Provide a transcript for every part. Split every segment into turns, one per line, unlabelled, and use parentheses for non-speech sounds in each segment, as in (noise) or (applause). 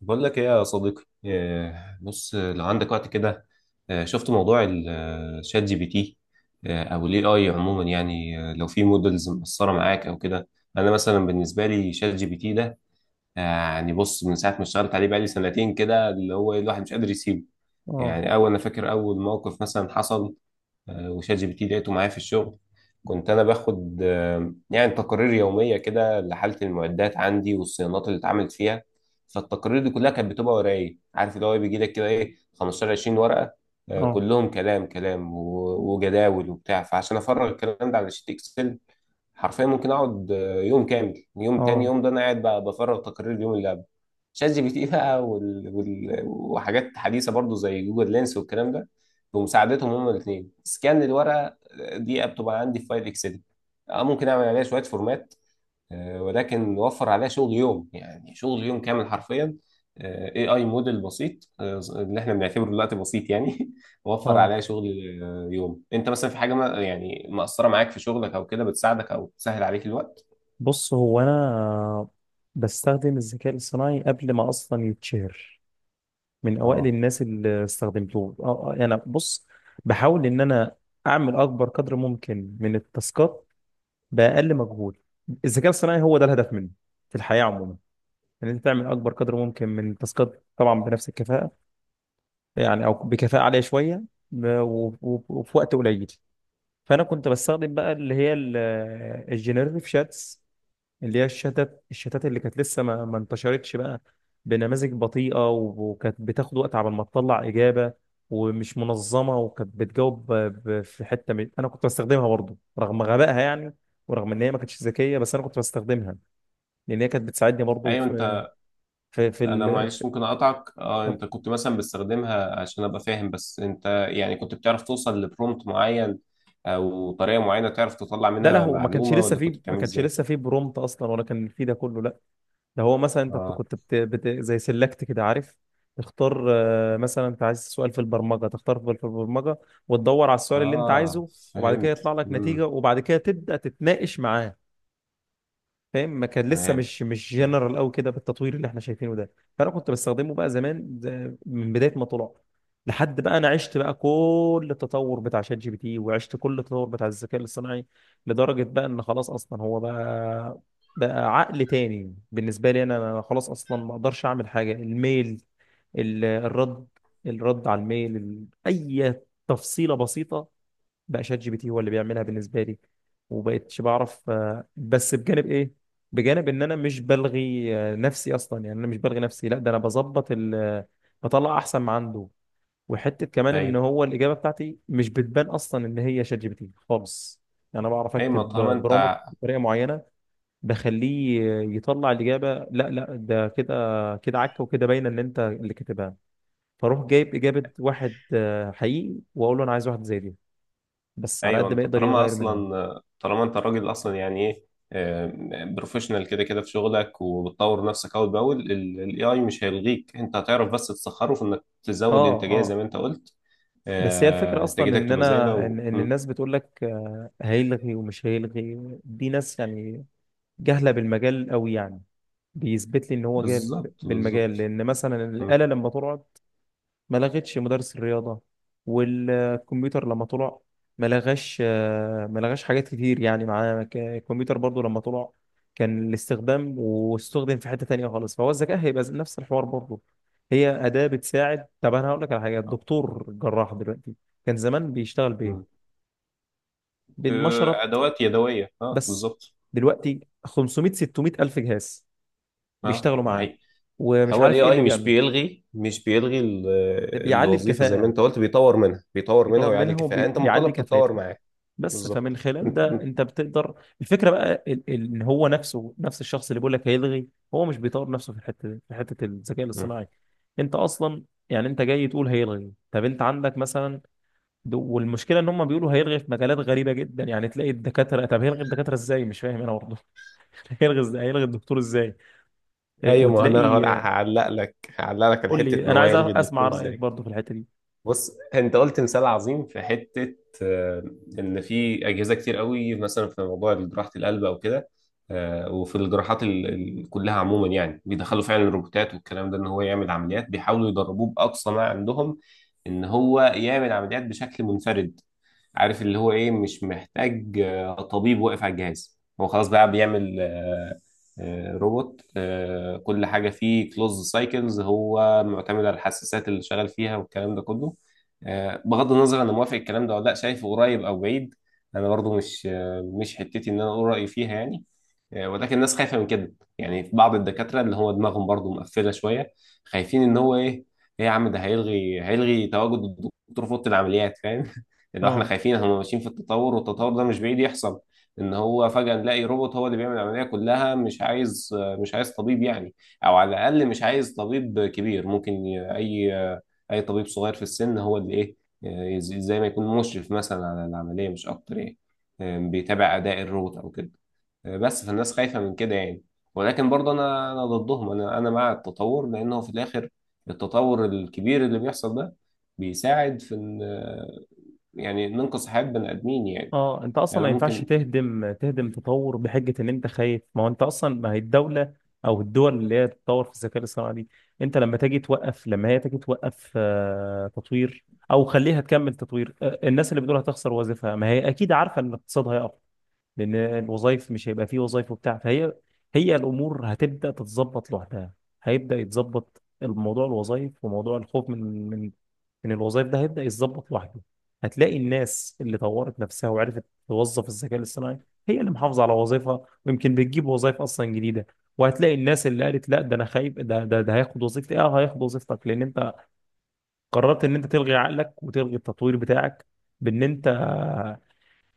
بقول لك ايه يا صديقي إيه، بص لو عندك وقت كده. شفت موضوع الشات جي بي تي؟ او الاي اي عموما يعني، لو في مودلز مقصره معاك او كده. انا مثلا بالنسبه لي شات جي بي تي ده، يعني بص، من ساعه ما اشتغلت عليه بقالي سنتين كده، اللي هو الواحد مش قادر يسيبه.
اه،
يعني اول، انا فاكر اول موقف مثلا حصل، وشات جي بي تي لقيته معايا في الشغل. كنت انا باخد يعني تقارير يوميه كده لحاله المعدات عندي والصيانات اللي اتعملت فيها. فالتقارير دي كلها كانت بتبقى ورايا إيه؟ عارف اللي هو إيه؟ بيجي لك كده ايه 15 20 ورقه،
اه،
كلهم كلام كلام وجداول وبتاع، فعشان افرغ الكلام ده على شيت اكسل حرفيا ممكن اقعد يوم كامل، يوم تاني،
اه،
يوم، ده انا قاعد بقى بفرغ تقارير اليوم اللي قبل. شات جي بي تي (laughs) بقى وحاجات حديثه برضو زي جوجل لينس والكلام ده، بمساعدتهم هما الاثنين سكان الورقه دي بتبقى عندي في فايل اكسل. اه، ممكن اعمل عليها شويه فورمات، ولكن وفر عليها شغل يوم، يعني شغل يوم كامل حرفيا. اي اي موديل بسيط اللي احنا بنعتبره دلوقتي بسيط يعني (laughs) وفر
اه.
عليها شغل يوم. انت مثلا في حاجه ما، يعني مأثره معاك في شغلك او كده، بتساعدك او بتسهل عليك الوقت.
بص هو انا بستخدم الذكاء الاصطناعي قبل ما اصلا يتشهر. من اوائل
اه،
الناس اللي استخدمته. اه انا بص بحاول ان انا اعمل اكبر قدر ممكن من التاسكات باقل مجهود. الذكاء الاصطناعي هو ده الهدف منه في الحياه عموما، ان انت تعمل اكبر قدر ممكن من التاسكات، طبعا بنفس الكفاءه، يعني او بكفاءه عاليه شويه وفي وقت قليل. فانا كنت بستخدم بقى اللي هي الجنريتيف شاتس، اللي هي الشتات اللي كانت لسه ما انتشرتش بقى، بنماذج بطيئة و وكانت بتاخد وقت على ما تطلع إجابة، ومش منظمة، وكانت بتجاوب أنا كنت بستخدمها برضه رغم غبائها يعني، ورغم إن هي ما كانتش ذكية، بس أنا كنت بستخدمها لأن هي كانت بتساعدني برضه
ايوه.
في في,
انا
ال... في...
معلش ممكن اقطعك، اه، انت كنت مثلا بتستخدمها، عشان ابقى فاهم بس، انت يعني كنت بتعرف توصل لبرومت معين او طريقة معينة تعرف تطلع
ده
منها
له
معلومة، ولا كنت
ما
بتعمل
كانش
ازاي؟
لسه فيه برومت أصلا، ولا كان فيه ده كله، لا. ده هو مثلا انت
اه،
كنت زي سيلكت كده، عارف، تختار مثلا انت عايز سؤال في البرمجه، تختار في البرمجه وتدور على السؤال اللي انت
اه،
عايزه، وبعد كده
فهمت.
يطلع لك نتيجه،
امم،
وبعد كده تبدا تتناقش معاه. فاهم؟ ما كان لسه
تمام.
مش
مم.
جنرال قوي كده بالتطوير اللي احنا شايفينه ده. فانا كنت بستخدمه بقى زمان، ده من بدايه ما طلع، لحد بقى انا عشت بقى كل التطور بتاع شات جي بي تي، وعشت كل التطور بتاع الذكاء الاصطناعي، لدرجه بقى ان خلاص اصلا هو بقى عقل تاني بالنسبه لي. انا خلاص اصلا ما اقدرش اعمل حاجه. الميل، الرد، الرد على الميل، ال- اي تفصيله بسيطه بقى شات جي بي تي هو اللي بيعملها بالنسبه لي. وبقيتش بعرف بس بجانب ايه؟ بجانب ان انا مش بلغي نفسي اصلا، يعني انا مش بلغي نفسي، لا، ده انا بظبط ال آه، بطلع احسن ما عنده. وحته كمان ان
ايوه،
هو الاجابه بتاعتي مش بتبان اصلا ان هي شات جي بي تي خالص. يعني انا بعرف
ايوه، ما
اكتب
طالما انت.
برومت بطريقه معينه، بخليه يطلع الاجابه، لا ده كده كده عك، وكده باينه ان انت اللي كاتبها. فاروح جايب اجابه واحد حقيقي، واقول له انا عايز واحد زي دي، بس على
ايوه.
قد ما
انت
يقدر
طالما
يغير منها.
اصلا، طالما انت راجل اصلا يعني ايه، بروفيشنال كده كده في شغلك وبتطور نفسك اول باول، الاي اي مش هيلغيك، انت هتعرف بس تسخره في انك
اه،
تزود انتاجيه زي
اه.
ما انت قلت.
بس هي الفكرة أصلا
انتاجيتك
إن
تبقى
أنا
زايده و...
إن
مم.
الناس بتقول لك هيلغي ومش هيلغي، دي ناس يعني جهلة بالمجال أوي يعني. بيثبت لي إن هو جاهل
بالظبط
بالمجال.
بالظبط.
لأن مثلا
مم.
الآلة لما تقعد، ما لغتش مدرس الرياضة. والكمبيوتر لما طلع، ما لغاش ما لغاش حاجات كتير يعني معاه. الكمبيوتر برضو لما طلع، كان الاستخدام واستخدم في حتة تانية خالص. فهو الذكاء هيبقى نفس الحوار برضو. هي أداة بتساعد. طب أنا هقول لك على حاجة: الدكتور جراح دلوقتي كان زمان بيشتغل بإيه؟
مم.
بالمشرط
ادوات يدويه، اه
بس.
بالظبط.
دلوقتي 500 600 ألف جهاز
اه،
بيشتغلوا
ده
معاه،
حقيقي.
ومش
هو الاي
عارف إيه
اي
اللي
مش
بيعمل.
بيلغي، مش بيلغي ال-
ده بيعلي
الوظيفه، زي ما
الكفاءة،
انت قلت، بيطور منها، بيطور منها
بيطور
ويعلي
منها
الكفاءه، انت
وبيعلي
مطالب تتطور
كفاءتها.
معاه.
بس فمن
بالظبط
خلال ده
(laughs)
انت بتقدر. الفكره بقى ان هو نفسه، نفس الشخص اللي بيقول لك هيلغي، هو مش بيطور نفسه في الحته دي، في حته الذكاء
مم.
الاصطناعي. انت اصلا يعني انت جاي تقول هيلغي؟ طب انت عندك مثلا والمشكله ان هم بيقولوا هيلغي في مجالات غريبه جدا، يعني تلاقي الدكاتره، طب هيلغي الدكاتره ازاي؟ مش فاهم انا برضه. (laughs) هيلغي ازاي؟ هيلغي الدكتور ازاي؟ اه،
ايوه، ما انا هقول-
وتلاقي اه،
هعلق لك، هعلق لك على
قول
حته
لي،
ان
انا
هو
عايز
يلغي
اسمع
الدكتور
رايك
ازاي.
برضه في الحته دي.
بص، انت قلت مثال عظيم في حته، آه، ان في اجهزه كتير قوي مثلا في موضوع جراحه القلب او كده، وفي الجراحات كلها عموما، يعني بيدخلوا فعلا الروبوتات والكلام ده، ان هو يعمل عمليات، بيحاولوا يدربوه باقصى ما عندهم ان هو يعمل عمليات بشكل منفرد، عارف اللي هو ايه، مش محتاج طبيب واقف على الجهاز، هو خلاص بقى بيعمل روبوت، كل حاجة فيه كلوز سايكلز، هو معتمد على الحساسات اللي شغال فيها والكلام ده كله. بغض النظر انا موافق الكلام ده ولا لا، شايفه قريب او بعيد، انا برضو مش مش حتتي ان انا اقول رأيي فيها يعني. ولكن الناس خايفه من كده، يعني في بعض الدكاتره اللي هو دماغهم برضو مقفله شويه، خايفين ان هو ايه، ايه يا عم، ده هيلغي، هيلغي تواجد الدكتور في اوضه العمليات، فاهم (laughs) اللي هو احنا
اه،
خايفين هم ماشيين في التطور، والتطور ده مش بعيد يحصل ان هو فجاه نلاقي روبوت هو اللي بيعمل العمليه كلها، مش عايز، مش عايز طبيب يعني، او على الاقل مش عايز طبيب كبير، ممكن اي طبيب صغير في السن هو اللي ايه، زي ما يكون مشرف مثلا على العمليه مش اكتر يعني، بيتابع اداء الروبوت او كده. بس فالناس خايفة من كده يعني. ولكن برضه أنا ضدهم، أنا مع التطور، لأنه في الآخر التطور الكبير اللي بيحصل ده بيساعد في إن، يعني ننقذ حياة بني آدمين يعني.
اه. انت اصلا
يعني
ما
أنا
ينفعش
ممكن.
تهدم تطور بحجه ان انت خايف. ما هو انت اصلا، ما هي الدوله او الدول اللي هي تتطور في الذكاء الاصطناعي دي، انت لما تجي توقف، لما هي تجي توقف تطوير، او خليها تكمل تطوير. الناس اللي بتقول هتخسر وظيفها، ما هي اكيد عارفه ان الاقتصاد هيقع، لان الوظائف مش هيبقى فيه وظائف وبتاع. فهي، هي الامور هتبدا تتظبط لوحدها. هيبدا يتظبط الموضوع، الوظائف، وموضوع الخوف من من الوظائف، ده هيبدا يتظبط لوحده. هتلاقي الناس اللي طورت نفسها وعرفت توظف الذكاء الاصطناعي، هي اللي محافظه على وظيفها، ويمكن بتجيب وظائف اصلا جديده. وهتلاقي الناس اللي قالت لا، ده انا خايف، ده ده هياخد وظيفتي. اه، هياخد وظيفتك لان انت قررت ان انت تلغي عقلك وتلغي التطوير بتاعك، بان انت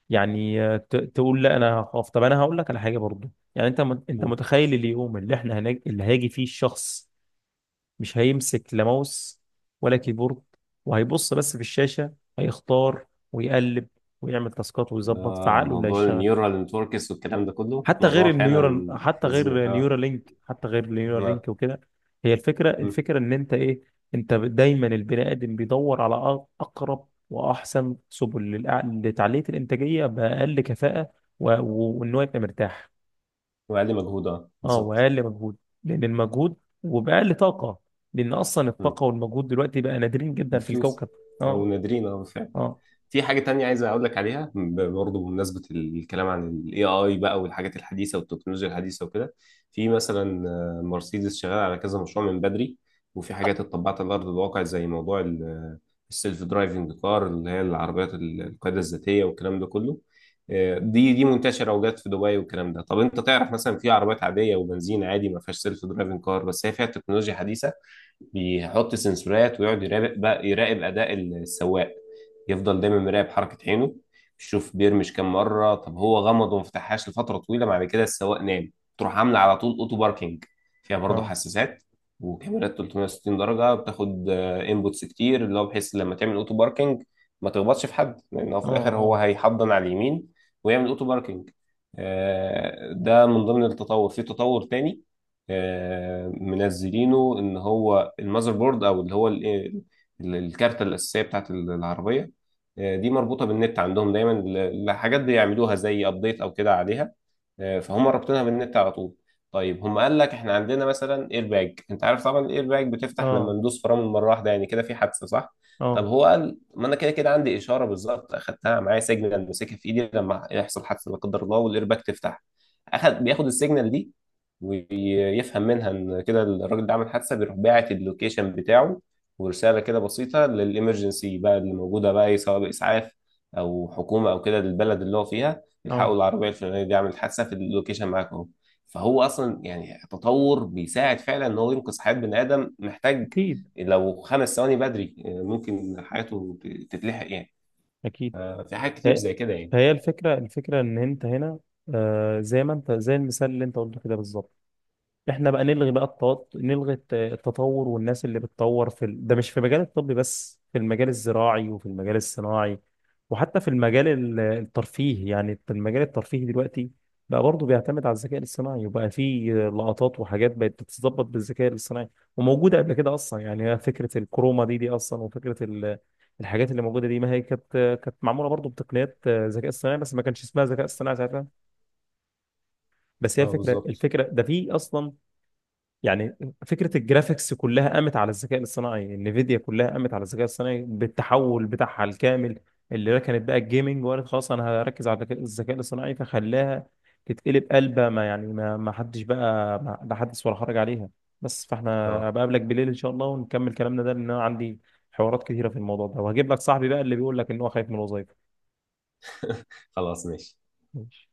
يعني تقول لا، انا هخاف. طب انا هقول لك على حاجه برضو. يعني انت انت متخيل اليوم اللي احنا اللي هيجي فيه الشخص مش هيمسك لا ماوس ولا كيبورد، وهيبص بس في الشاشه، هيختار ويقلب ويعمل تاسكات ويظبط،
آه،
فعقله اللي
موضوع
هيشتغل.
النيورال نتوركس والكلام ده كله
حتى غير
موضوع
النيورال،
فعلا
حتى
فظيع.
غير
آه.
نيورالينك،
آه.
وكده. هي الفكره،
مم.
الفكره ان انت ايه؟ انت دايما البني ادم بيدور على اقرب واحسن سبل لتعليه الانتاجيه باقل كفاءه وان هو يبقى مرتاح.
وأقل مجهود، آه
اه،
بالظبط.
واقل مجهود، لان المجهود، وباقل طاقه، لان اصلا الطاقه
مم.
والمجهود دلوقتي بقى نادرين جدا في
بفلوس.
الكوكب.
أو
اه،
نادرين، آه بالفعل.
اه،
في حاجة تانية عايز أقول لك عليها، برضه بمناسبة الكلام عن ال AI بقى، والحاجات الحديثة والتكنولوجيا الحديثة وكده. في مثلا مرسيدس شغال على كذا مشروع من بدري، وفي حاجات اتطبقت على أرض الواقع زي موضوع ال- السيلف درايفنج كار، اللي هي العربيات ال- القيادة الذاتية والكلام ده كله. دي منتشرة وجات في دبي والكلام ده. طب أنت تعرف، مثلا في عربيات عادية وبنزين عادي، ما فيهاش سيلف درايفنج كار، بس هي فيها تكنولوجيا حديثة. بيحط سنسورات ويقعد يراقب، بقى يراقب أداء السواق، يفضل دايما مراقب حركة عينه، يشوف بيرمش كام مرة. طب هو غمض وما فتحهاش لفترة طويلة، بعد كده السواق نام، تروح عاملة على طول اوتو باركينج. فيها برضه
اه،
حساسات وكاميرات 360 درجة، بتاخد انبوتس كتير، اللي هو بحيث لما تعمل اوتو باركينج ما تخبطش في حد، لأن هو
اه،
في الآخر هو
اه،
هيحضن على اليمين ويعمل اوتو باركينج. ده من ضمن التطور. في تطور تاني منزلينه ان هو المذر بورد، او اللي هو ال- ال- الكارتة الأساسية بتاعت العربية، دي مربوطه بالنت عندهم دايما، لحاجات بيعملوها زي ابديت او كده عليها. فهم رابطينها بالنت على طول. طيب هم قال لك احنا عندنا مثلا اير باج، انت عارف طبعا الاير باج بتفتح لما
اه،
ندوس فرامل مره واحده يعني كده في حادثه، صح؟ طب
اه،
هو قال ما انا كده كده عندي اشاره بالظبط اخدتها معايا، سيجنال ماسكها في ايدي، لما يحصل حادثه لا قدر الله والاير باج تفتح، اخد بياخد السيجنال دي ويفهم منها ان كده الراجل ده عمل حادثه، بيروح باعت اللوكيشن بتاعه ورساله كده بسيطه للامرجنسي بقى اللي موجوده بقى ايه، سواء باسعاف او حكومه او كده للبلد اللي هو فيها، الحقوا
اه.
العربيه الفلانيه دي عملت حادثه في اللوكيشن معاكم اهو. فهو اصلا يعني تطور بيساعد فعلا ان هو ينقذ حياه بني ادم، محتاج
اكيد.
لو خمس ثواني بدري ممكن حياته تتلحق يعني.
اكيد.
في حاجات كتير
هي
زي كده يعني.
هي الفكرة، الفكرة إن أنت هنا، آه، زي ما أنت، زي المثال اللي أنت قلته كده بالظبط. احنا بقى نلغي بقى التطور والناس اللي بتطور ده مش في مجال الطب بس، في المجال الزراعي وفي المجال الصناعي، وحتى في المجال الترفيه. يعني في المجال الترفيه دلوقتي بقى برضه بيعتمد على الذكاء الاصطناعي، وبقى في لقطات وحاجات بقت بتتظبط بالذكاء الاصطناعي، وموجودة قبل كده أصلا. يعني هي فكرة الكروما دي أصلا، وفكرة الحاجات اللي موجودة دي، ما هي كانت معمولة برضه بتقنيات ذكاء اصطناعي، بس ما كانش اسمها ذكاء اصطناعي ساعتها. بس هي
اه
الفكرة،
بالظبط.
الفكرة ده في أصلا، يعني فكرة الجرافيكس كلها قامت على الذكاء الاصطناعي. انفيديا كلها قامت على الذكاء الاصطناعي، بالتحول بتاعها الكامل، اللي ركنت بقى الجيمنج وقالت خلاص انا هركز على الذكاء الاصطناعي، فخلاها تتقلب قلبة، ما يعني ما حدش بقى، ما لا حدث ولا حرج عليها. بس فاحنا
اه
بقابلك بالليل ان شاء الله ونكمل كلامنا ده، لان انا عندي حوارات كتيرة في الموضوع ده، وهجيب لك صاحبي بقى اللي بيقول لك ان هو خايف من الوظائف.
(laughs) خلاص ماشي.
ماشي.